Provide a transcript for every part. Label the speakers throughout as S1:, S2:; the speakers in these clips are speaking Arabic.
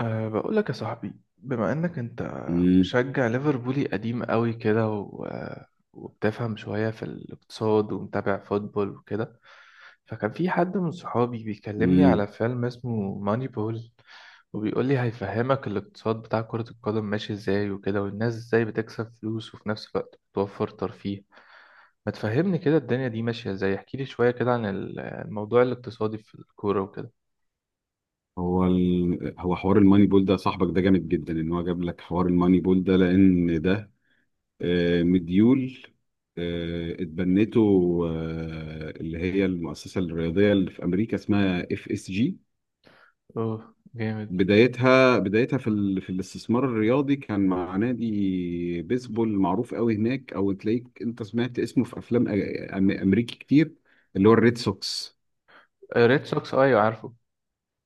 S1: بقول لك يا صاحبي، بما انك انت
S2: مم.
S1: مشجع ليفربولي قديم قوي كده و... آه، وبتفهم شوية في الاقتصاد ومتابع فوتبول وكده، فكان في حد من صحابي بيكلمني على
S2: مم.
S1: فيلم اسمه ماني بول، وبيقول لي هيفهمك الاقتصاد بتاع كرة القدم ماشي ازاي وكده، والناس ازاي بتكسب فلوس وفي نفس الوقت بتوفر ترفيه. ما تفهمني كده الدنيا دي ماشية ازاي؟ احكي لي شوية كده عن الموضوع الاقتصادي في الكورة وكده.
S2: هو حوار الماني بول ده، صاحبك ده جامد جدا ان هو جاب لك حوار الماني بول ده، لان ده مديول اتبنته، اللي هي المؤسسه الرياضيه اللي في امريكا اسمها اف اس جي.
S1: اوه، جامد.
S2: بدايتها في الاستثمار الرياضي كان مع نادي بيسبول معروف قوي هناك، او تلاقيك انت سمعت اسمه في افلام امريكي كتير، اللي هو الريد سوكس.
S1: ريد سوكس، ايوه عارفه.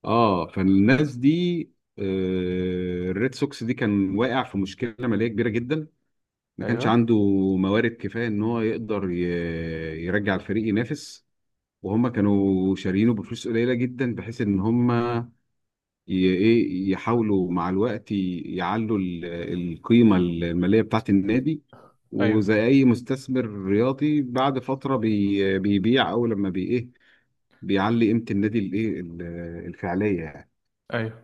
S2: اه، فالناس دي الريد سوكس دي كان واقع في مشكله ماليه كبيره جدا. ما كانش
S1: ايوه،
S2: عنده موارد كفايه ان هو يقدر يرجع الفريق ينافس، وهم كانوا شاريينه بفلوس قليله جدا بحيث ان هم ايه يحاولوا مع الوقت يعلوا القيمه الماليه بتاعه النادي.
S1: ايوه،
S2: وزي اي مستثمر رياضي بعد فتره بيبيع، او لما بي ايه بيعلي قيمه النادي الايه الفعليه يعني.
S1: ايوه،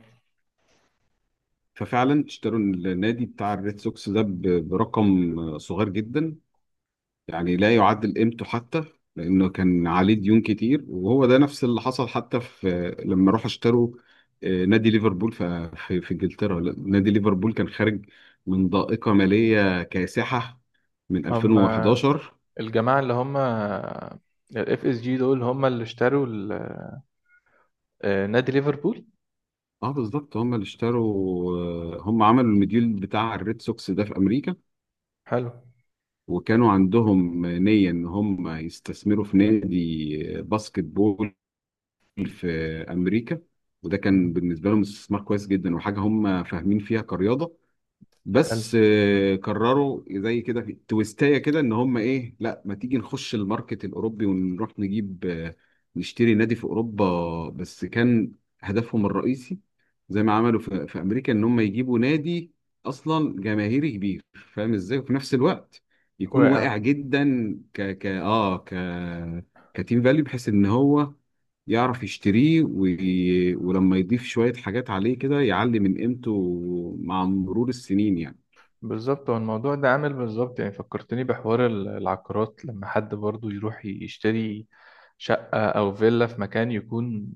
S2: ففعلا اشتروا النادي بتاع الريد سوكس ده برقم صغير جدا، يعني لا يعادل قيمته حتى، لانه كان عليه ديون كتير. وهو ده نفس اللي حصل حتى في لما راحوا اشتروا نادي ليفربول. في انجلترا نادي ليفربول كان خارج من ضائقة مالية كاسحة من
S1: هم
S2: 2011.
S1: الجماعه اللي هم الاف اس جي دول هم اللي اشتروا نادي ليفربول.
S2: اه، بالظبط هم اللي اشتروا. هم عملوا المديول بتاع الريد سوكس ده في امريكا،
S1: حلو.
S2: وكانوا عندهم نية إن هم يستثمروا في نادي باسكت بول في أمريكا. وده
S1: مم.
S2: كان بالنسبة لهم استثمار كويس جدا وحاجة هم فاهمين فيها كرياضة.
S1: حلو.
S2: بس قرروا زي كده في تويستايه كده ان هم ايه، لا ما تيجي نخش الماركت الاوروبي ونروح نجيب، نشتري نادي في اوروبا. بس كان هدفهم الرئيسي زي ما عملوا في امريكا ان هم يجيبوا نادي اصلا جماهيري كبير، فاهم ازاي، وفي نفس الوقت يكون
S1: واقع.
S2: واقع جدا ك ك اه ك كتيم فاليو، بحيث ان هو يعرف يشتريه ولما يضيف شوية حاجات عليه كده يعلي من قيمته مع مرور السنين يعني.
S1: بالظبط، هو الموضوع ده عامل بالظبط، يعني فكرتني بحوار العقارات، لما حد برضو يروح يشتري شقة أو فيلا في مكان يكون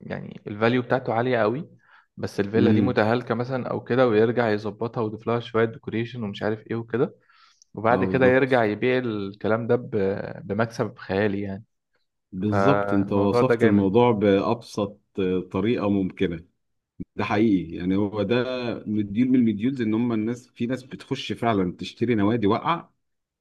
S1: يعني الفاليو بتاعته عالية قوي، بس الفيلا دي
S2: امم
S1: متهالكة مثلا او كده، ويرجع يظبطها ويضيف لها شوية ديكوريشن ومش عارف ايه وكده، وبعد
S2: اه،
S1: كده يرجع
S2: بالظبط.
S1: يبيع الكلام ده ب- بمكسب خيالي يعني.
S2: بالظبط، انت
S1: فالموضوع ده
S2: وصفت
S1: جامد.
S2: الموضوع بأبسط طريقة ممكنة. ده
S1: حلو.
S2: حقيقي، يعني هو ده مديول من المديولز، ان هم الناس في ناس بتخش فعلا تشتري نوادي واقعة،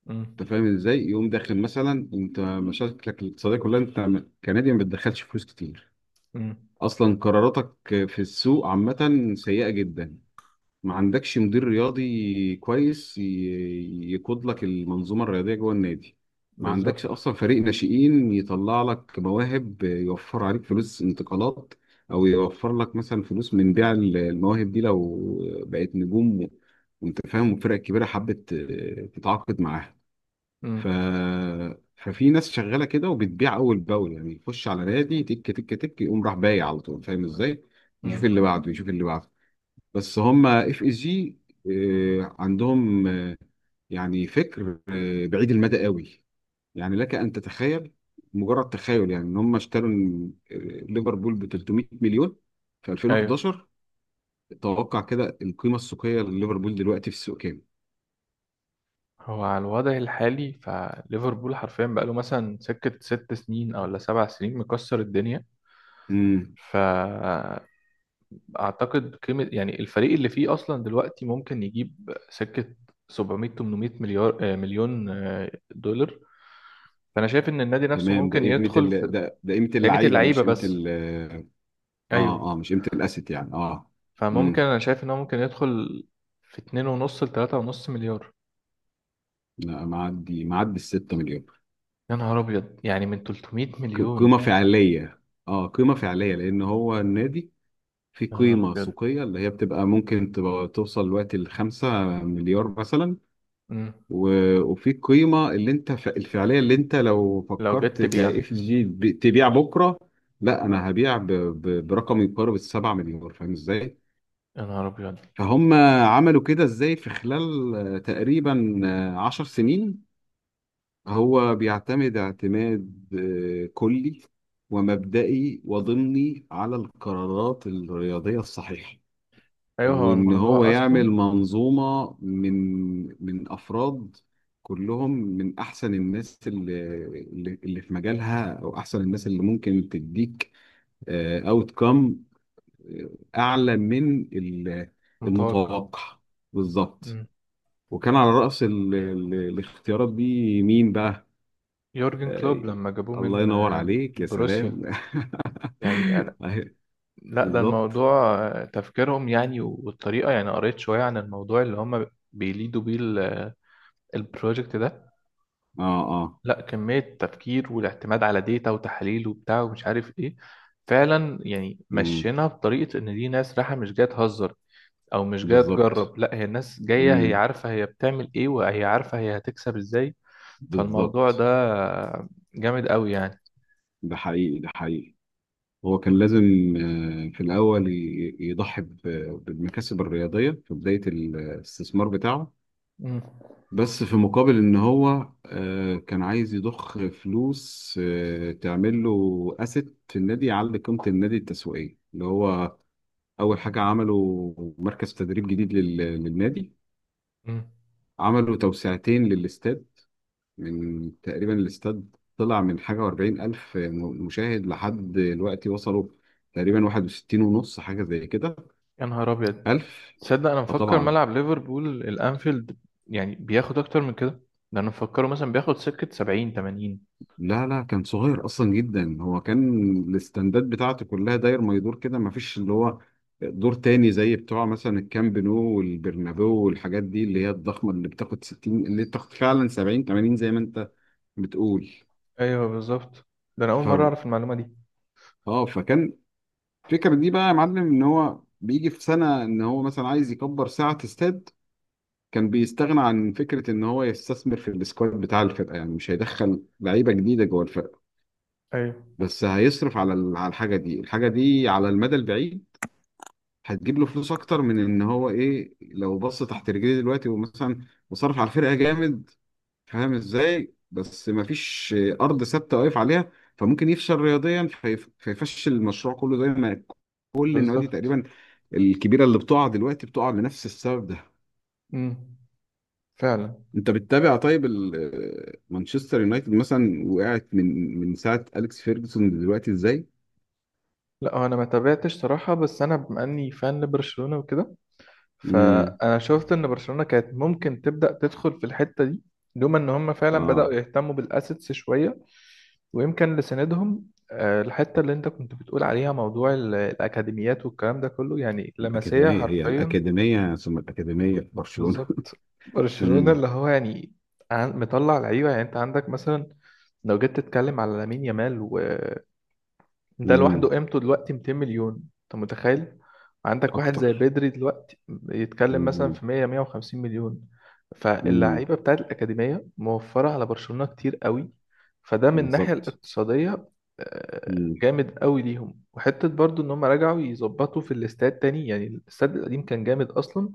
S1: مم.
S2: انت فاهم ازاي. يقوم داخل مثلا، انت مشاكلك الاقتصادية كلها انت كنادي، ما بتدخلش فلوس كتير،
S1: مم.
S2: اصلا قراراتك في السوق عامة سيئة جدا، ما عندكش مدير رياضي كويس يقود لك المنظومة الرياضية جوه النادي، ما عندكش
S1: بالظبط.
S2: أصلا فريق ناشئين يطلع لك مواهب يوفر عليك فلوس انتقالات، أو يوفر لك مثلا فلوس من بيع المواهب دي لو بقت نجوم وأنت فاهم الفرق الكبيرة حبت تتعاقد معاها. ف...
S1: مم.
S2: ففي ناس شغالة كده وبتبيع أول بأول، يعني يخش على نادي تك تك تك يقوم راح بايع على طول، فاهم إزاي؟ يشوف
S1: مم.
S2: اللي بعده، يشوف اللي بعده. بس هم اف اس جي عندهم يعني فكر بعيد المدى قوي. يعني لك ان تتخيل، مجرد تخيل، يعني ان هم اشتروا ليفربول ب 300 مليون في
S1: ايوه.
S2: 2011. توقع كده القيمه السوقيه لليفربول دلوقتي في السوق كام.
S1: هو على الوضع الحالي، فليفربول حرفيا بقاله مثلا سكة 6 سنين او ولا 7 سنين مكسر الدنيا.
S2: امم
S1: ف اعتقد قيمه يعني الفريق اللي فيه اصلا دلوقتي ممكن يجيب سكه 700 800 مليار مليون دولار. فانا شايف ان النادي نفسه
S2: تمام.
S1: ممكن يدخل في
S2: ده قيمه
S1: قيمه
S2: اللعيبه،
S1: اللعيبه
S2: مش قيمه
S1: بس.
S2: اه.
S1: ايوه.
S2: اه مش قيمه الاسيت يعني. اه.
S1: فممكن
S2: امم
S1: انا شايف ان هو ممكن يدخل في 2 ونص ل 3 ونص مليار.
S2: لا، معدي ال 6 مليون.
S1: يا نهار ابيض، يعني من 300 مليون؟
S2: قيمه فعليه. اه، قيمه فعليه، لان هو النادي في
S1: يا نهار
S2: قيمة
S1: ابيض.
S2: سوقية اللي هي بتبقى ممكن تبقى توصل دلوقتي لـ 5 مليار مثلا.
S1: مم.
S2: وفي قيمة اللي انت الفعلية، اللي انت لو
S1: لو جت
S2: فكرت
S1: تبيع.
S2: كاف جي تبيع بكرة، لا
S1: آه.
S2: انا هبيع برقم يقارب السبعة مليار، فاهم ازاي؟
S1: يا نهار ابيض.
S2: فهم عملوا كده ازاي في خلال تقريبا 10 سنين. هو بيعتمد اعتماد كلي ومبدئي وضمني على القرارات الرياضية الصحيحة،
S1: ايوه، هو
S2: وإن هو
S1: الموضوع اصلا
S2: يعمل منظومة من أفراد كلهم من أحسن الناس اللي في مجالها، أو أحسن الناس اللي ممكن تديك أوت كام أعلى من
S1: متوقع.
S2: المتوقع. بالظبط.
S1: مم.
S2: وكان على رأس الاختيارات دي مين بقى؟
S1: يورجن
S2: آه،
S1: كلوب لما جابوه
S2: الله
S1: من
S2: ينور عليك، يا سلام.
S1: بروسيا، يعني.
S2: أهي،
S1: لا، ده
S2: بالظبط.
S1: الموضوع تفكيرهم يعني، والطريقة، يعني قريت شوية عن الموضوع اللي هم بيليدوا بيه البروجكت ده.
S2: اه. اه.
S1: لا، كمية تفكير والاعتماد على ديتا وتحاليل وبتاع ومش عارف ايه، فعلا يعني
S2: أمم،
S1: مشينا بطريقة ان دي ناس رايحة مش جاية تهزر او مش جاية
S2: بالظبط.
S1: تجرب، لا هي الناس جاية هي
S2: أمم،
S1: عارفة هي بتعمل ايه وهي عارفة هي هتكسب ازاي. فالموضوع ده
S2: بالظبط.
S1: جامد قوي يعني.
S2: ده حقيقي، ده حقيقي. هو كان لازم في الأول يضحي بالمكاسب الرياضية في بداية الاستثمار بتاعه،
S1: مم.
S2: بس في مقابل إن هو كان عايز يضخ فلوس تعمل له أسيت في النادي يعلي قيمة النادي التسويقية. اللي هو أول حاجة عمله مركز تدريب جديد للنادي،
S1: مم.
S2: عملوا توسعتين للاستاد، من تقريبا الاستاد طلع من حاجة وأربعين ألف مشاهد لحد دلوقتي وصلوا تقريبا واحد وستين ونص حاجة زي كده
S1: يا نهار ابيض،
S2: ألف.
S1: تصدق انا
S2: اه،
S1: مفكر
S2: طبعا.
S1: ملعب ليفربول الانفيلد يعني بياخد اكتر من كده، ده انا مفكره مثلا بياخد سكة 70 80.
S2: لا، كان صغير أصلا جدا، هو كان الاستندات بتاعته كلها داير ما يدور كده، ما فيش اللي هو دور تاني زي بتوع مثلا الكامب نو والبرنابيو والحاجات دي اللي هي الضخمة، اللي بتاخد ستين، اللي بتاخد فعلا سبعين تمانين زي ما أنت بتقول.
S1: ايوه بالظبط. ده انا اول
S2: ف...
S1: مره اعرف المعلومه دي.
S2: اه، فكان الفكرة دي بقى يا معلم ان هو بيجي في سنة ان هو مثلا عايز يكبر ساعة استاد، كان بيستغنى عن فكرة ان هو يستثمر في السكواد بتاع الفرقة. يعني مش هيدخل لعيبة جديدة جوه الفرقة،
S1: ايوه
S2: بس هيصرف على على الحاجة دي. الحاجة دي على المدى البعيد هتجيب له فلوس اكتر من ان هو ايه، لو بص تحت رجليه دلوقتي ومثلا وصرف على الفرقة جامد، فاهم ازاي. بس مفيش ارض ثابته واقف عليها، فممكن يفشل رياضيا فيفشل المشروع كله، زي ما كل النوادي
S1: بالظبط.
S2: تقريبا الكبيره اللي بتقع دلوقتي بتقع لنفس السبب ده.
S1: امم. فعلا.
S2: انت بتتابع طيب مانشستر يونايتد مثلا وقعت من ساعه اليكس فيرجسون دلوقتي ازاي؟
S1: لا هو انا ما تابعتش صراحه، بس انا بما اني فان لبرشلونه وكده،
S2: امم
S1: فانا شفت ان برشلونه كانت ممكن تبدا تدخل في الحته دي، لولا ان هم فعلا بداوا
S2: اه،
S1: يهتموا بالاسيتس شويه. ويمكن لسندهم الحتة اللي انت كنت بتقول عليها، موضوع الأكاديميات والكلام ده كله، يعني لمسية
S2: الاكاديميه هي
S1: حرفيا.
S2: الاكاديميه ثم الاكاديميه في برشلونه.
S1: بالظبط. برشلونة
S2: امم
S1: اللي هو يعني مطلع لعيبة، يعني انت عندك مثلا لو جيت تتكلم على لامين يامال، ده لوحده
S2: امم
S1: قيمته دلوقتي 200 مليون، انت متخيل؟ عندك واحد زي
S2: اكتر.
S1: بدري دلوقتي يتكلم مثلا
S2: امم
S1: في 100 150 مليون.
S2: امم
S1: فاللعيبه بتاعت الاكاديميه موفره على برشلونه كتير قوي. فده من الناحيه
S2: بالظبط.
S1: الاقتصاديه
S2: امم
S1: جامد قوي ليهم. وحته برضو ان هم رجعوا يظبطوا في الاستاد تاني، يعني الاستاد القديم كان جامد اصلا،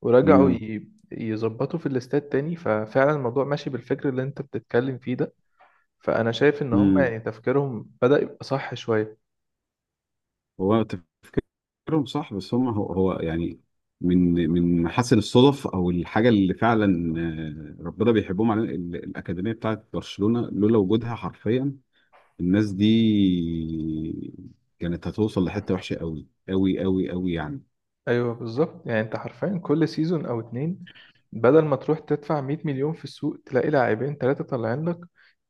S1: ورجعوا يظبطوا في الاستاد تاني، ففعلا الموضوع ماشي بالفكر اللي انت بتتكلم فيه ده. فانا شايف ان هم
S2: امم
S1: يعني تفكيرهم بدأ يبقى صح شويه.
S2: هو تفكيرهم صح، بس هم هو يعني من محاسن الصدف، او الحاجه اللي فعلا ربنا بيحبهم علينا، الاكاديميه بتاعت برشلونه لولا وجودها حرفيا الناس دي كانت هتوصل لحته وحشه، قوي قوي قوي قوي يعني.
S1: ايوه بالظبط، يعني انت حرفيا كل سيزون او اتنين، بدل ما تروح تدفع 100 مليون في السوق تلاقي لاعبين ثلاثه طالعين لك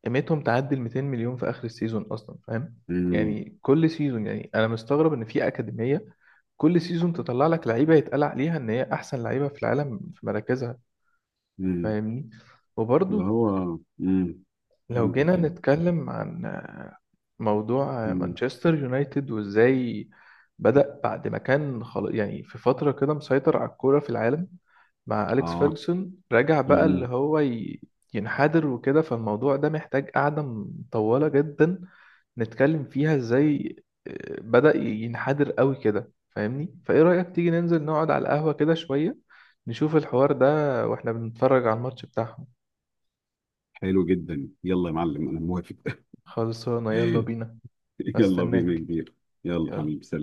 S1: قيمتهم تعدي ال 200 مليون في اخر السيزون اصلا، فاهم
S2: امم
S1: يعني؟ كل سيزون، يعني انا مستغرب ان في اكاديميه كل سيزون تطلع لك لعيبه يتقال عليها ان هي احسن لعيبه في العالم في مراكزها.
S2: امم
S1: فاهمني.
S2: اللي
S1: وبرضه
S2: هو
S1: لو
S2: كمل
S1: جينا
S2: كمل
S1: نتكلم عن موضوع
S2: امم
S1: مانشستر يونايتد، وازاي بدأ بعد ما كان خلاص، يعني في فترة كده مسيطر على الكورة في العالم مع أليكس
S2: اه.
S1: فيرجسون، رجع بقى اللي
S2: امم.
S1: هو ينحدر وكده. فالموضوع ده محتاج قعدة مطولة جدا نتكلم فيها ازاي بدأ ينحدر قوي كده، فاهمني؟ فايه رأيك تيجي ننزل نقعد على القهوة كده شوية، نشوف الحوار ده واحنا بنتفرج على الماتش بتاعهم.
S2: حلو جدا، يلا يا معلم، انا موافق.
S1: خلصانة، يلا بينا.
S2: يلا بينا يا
S1: استناك.
S2: كبير. يلا
S1: يلا.
S2: حبيبي، سلام.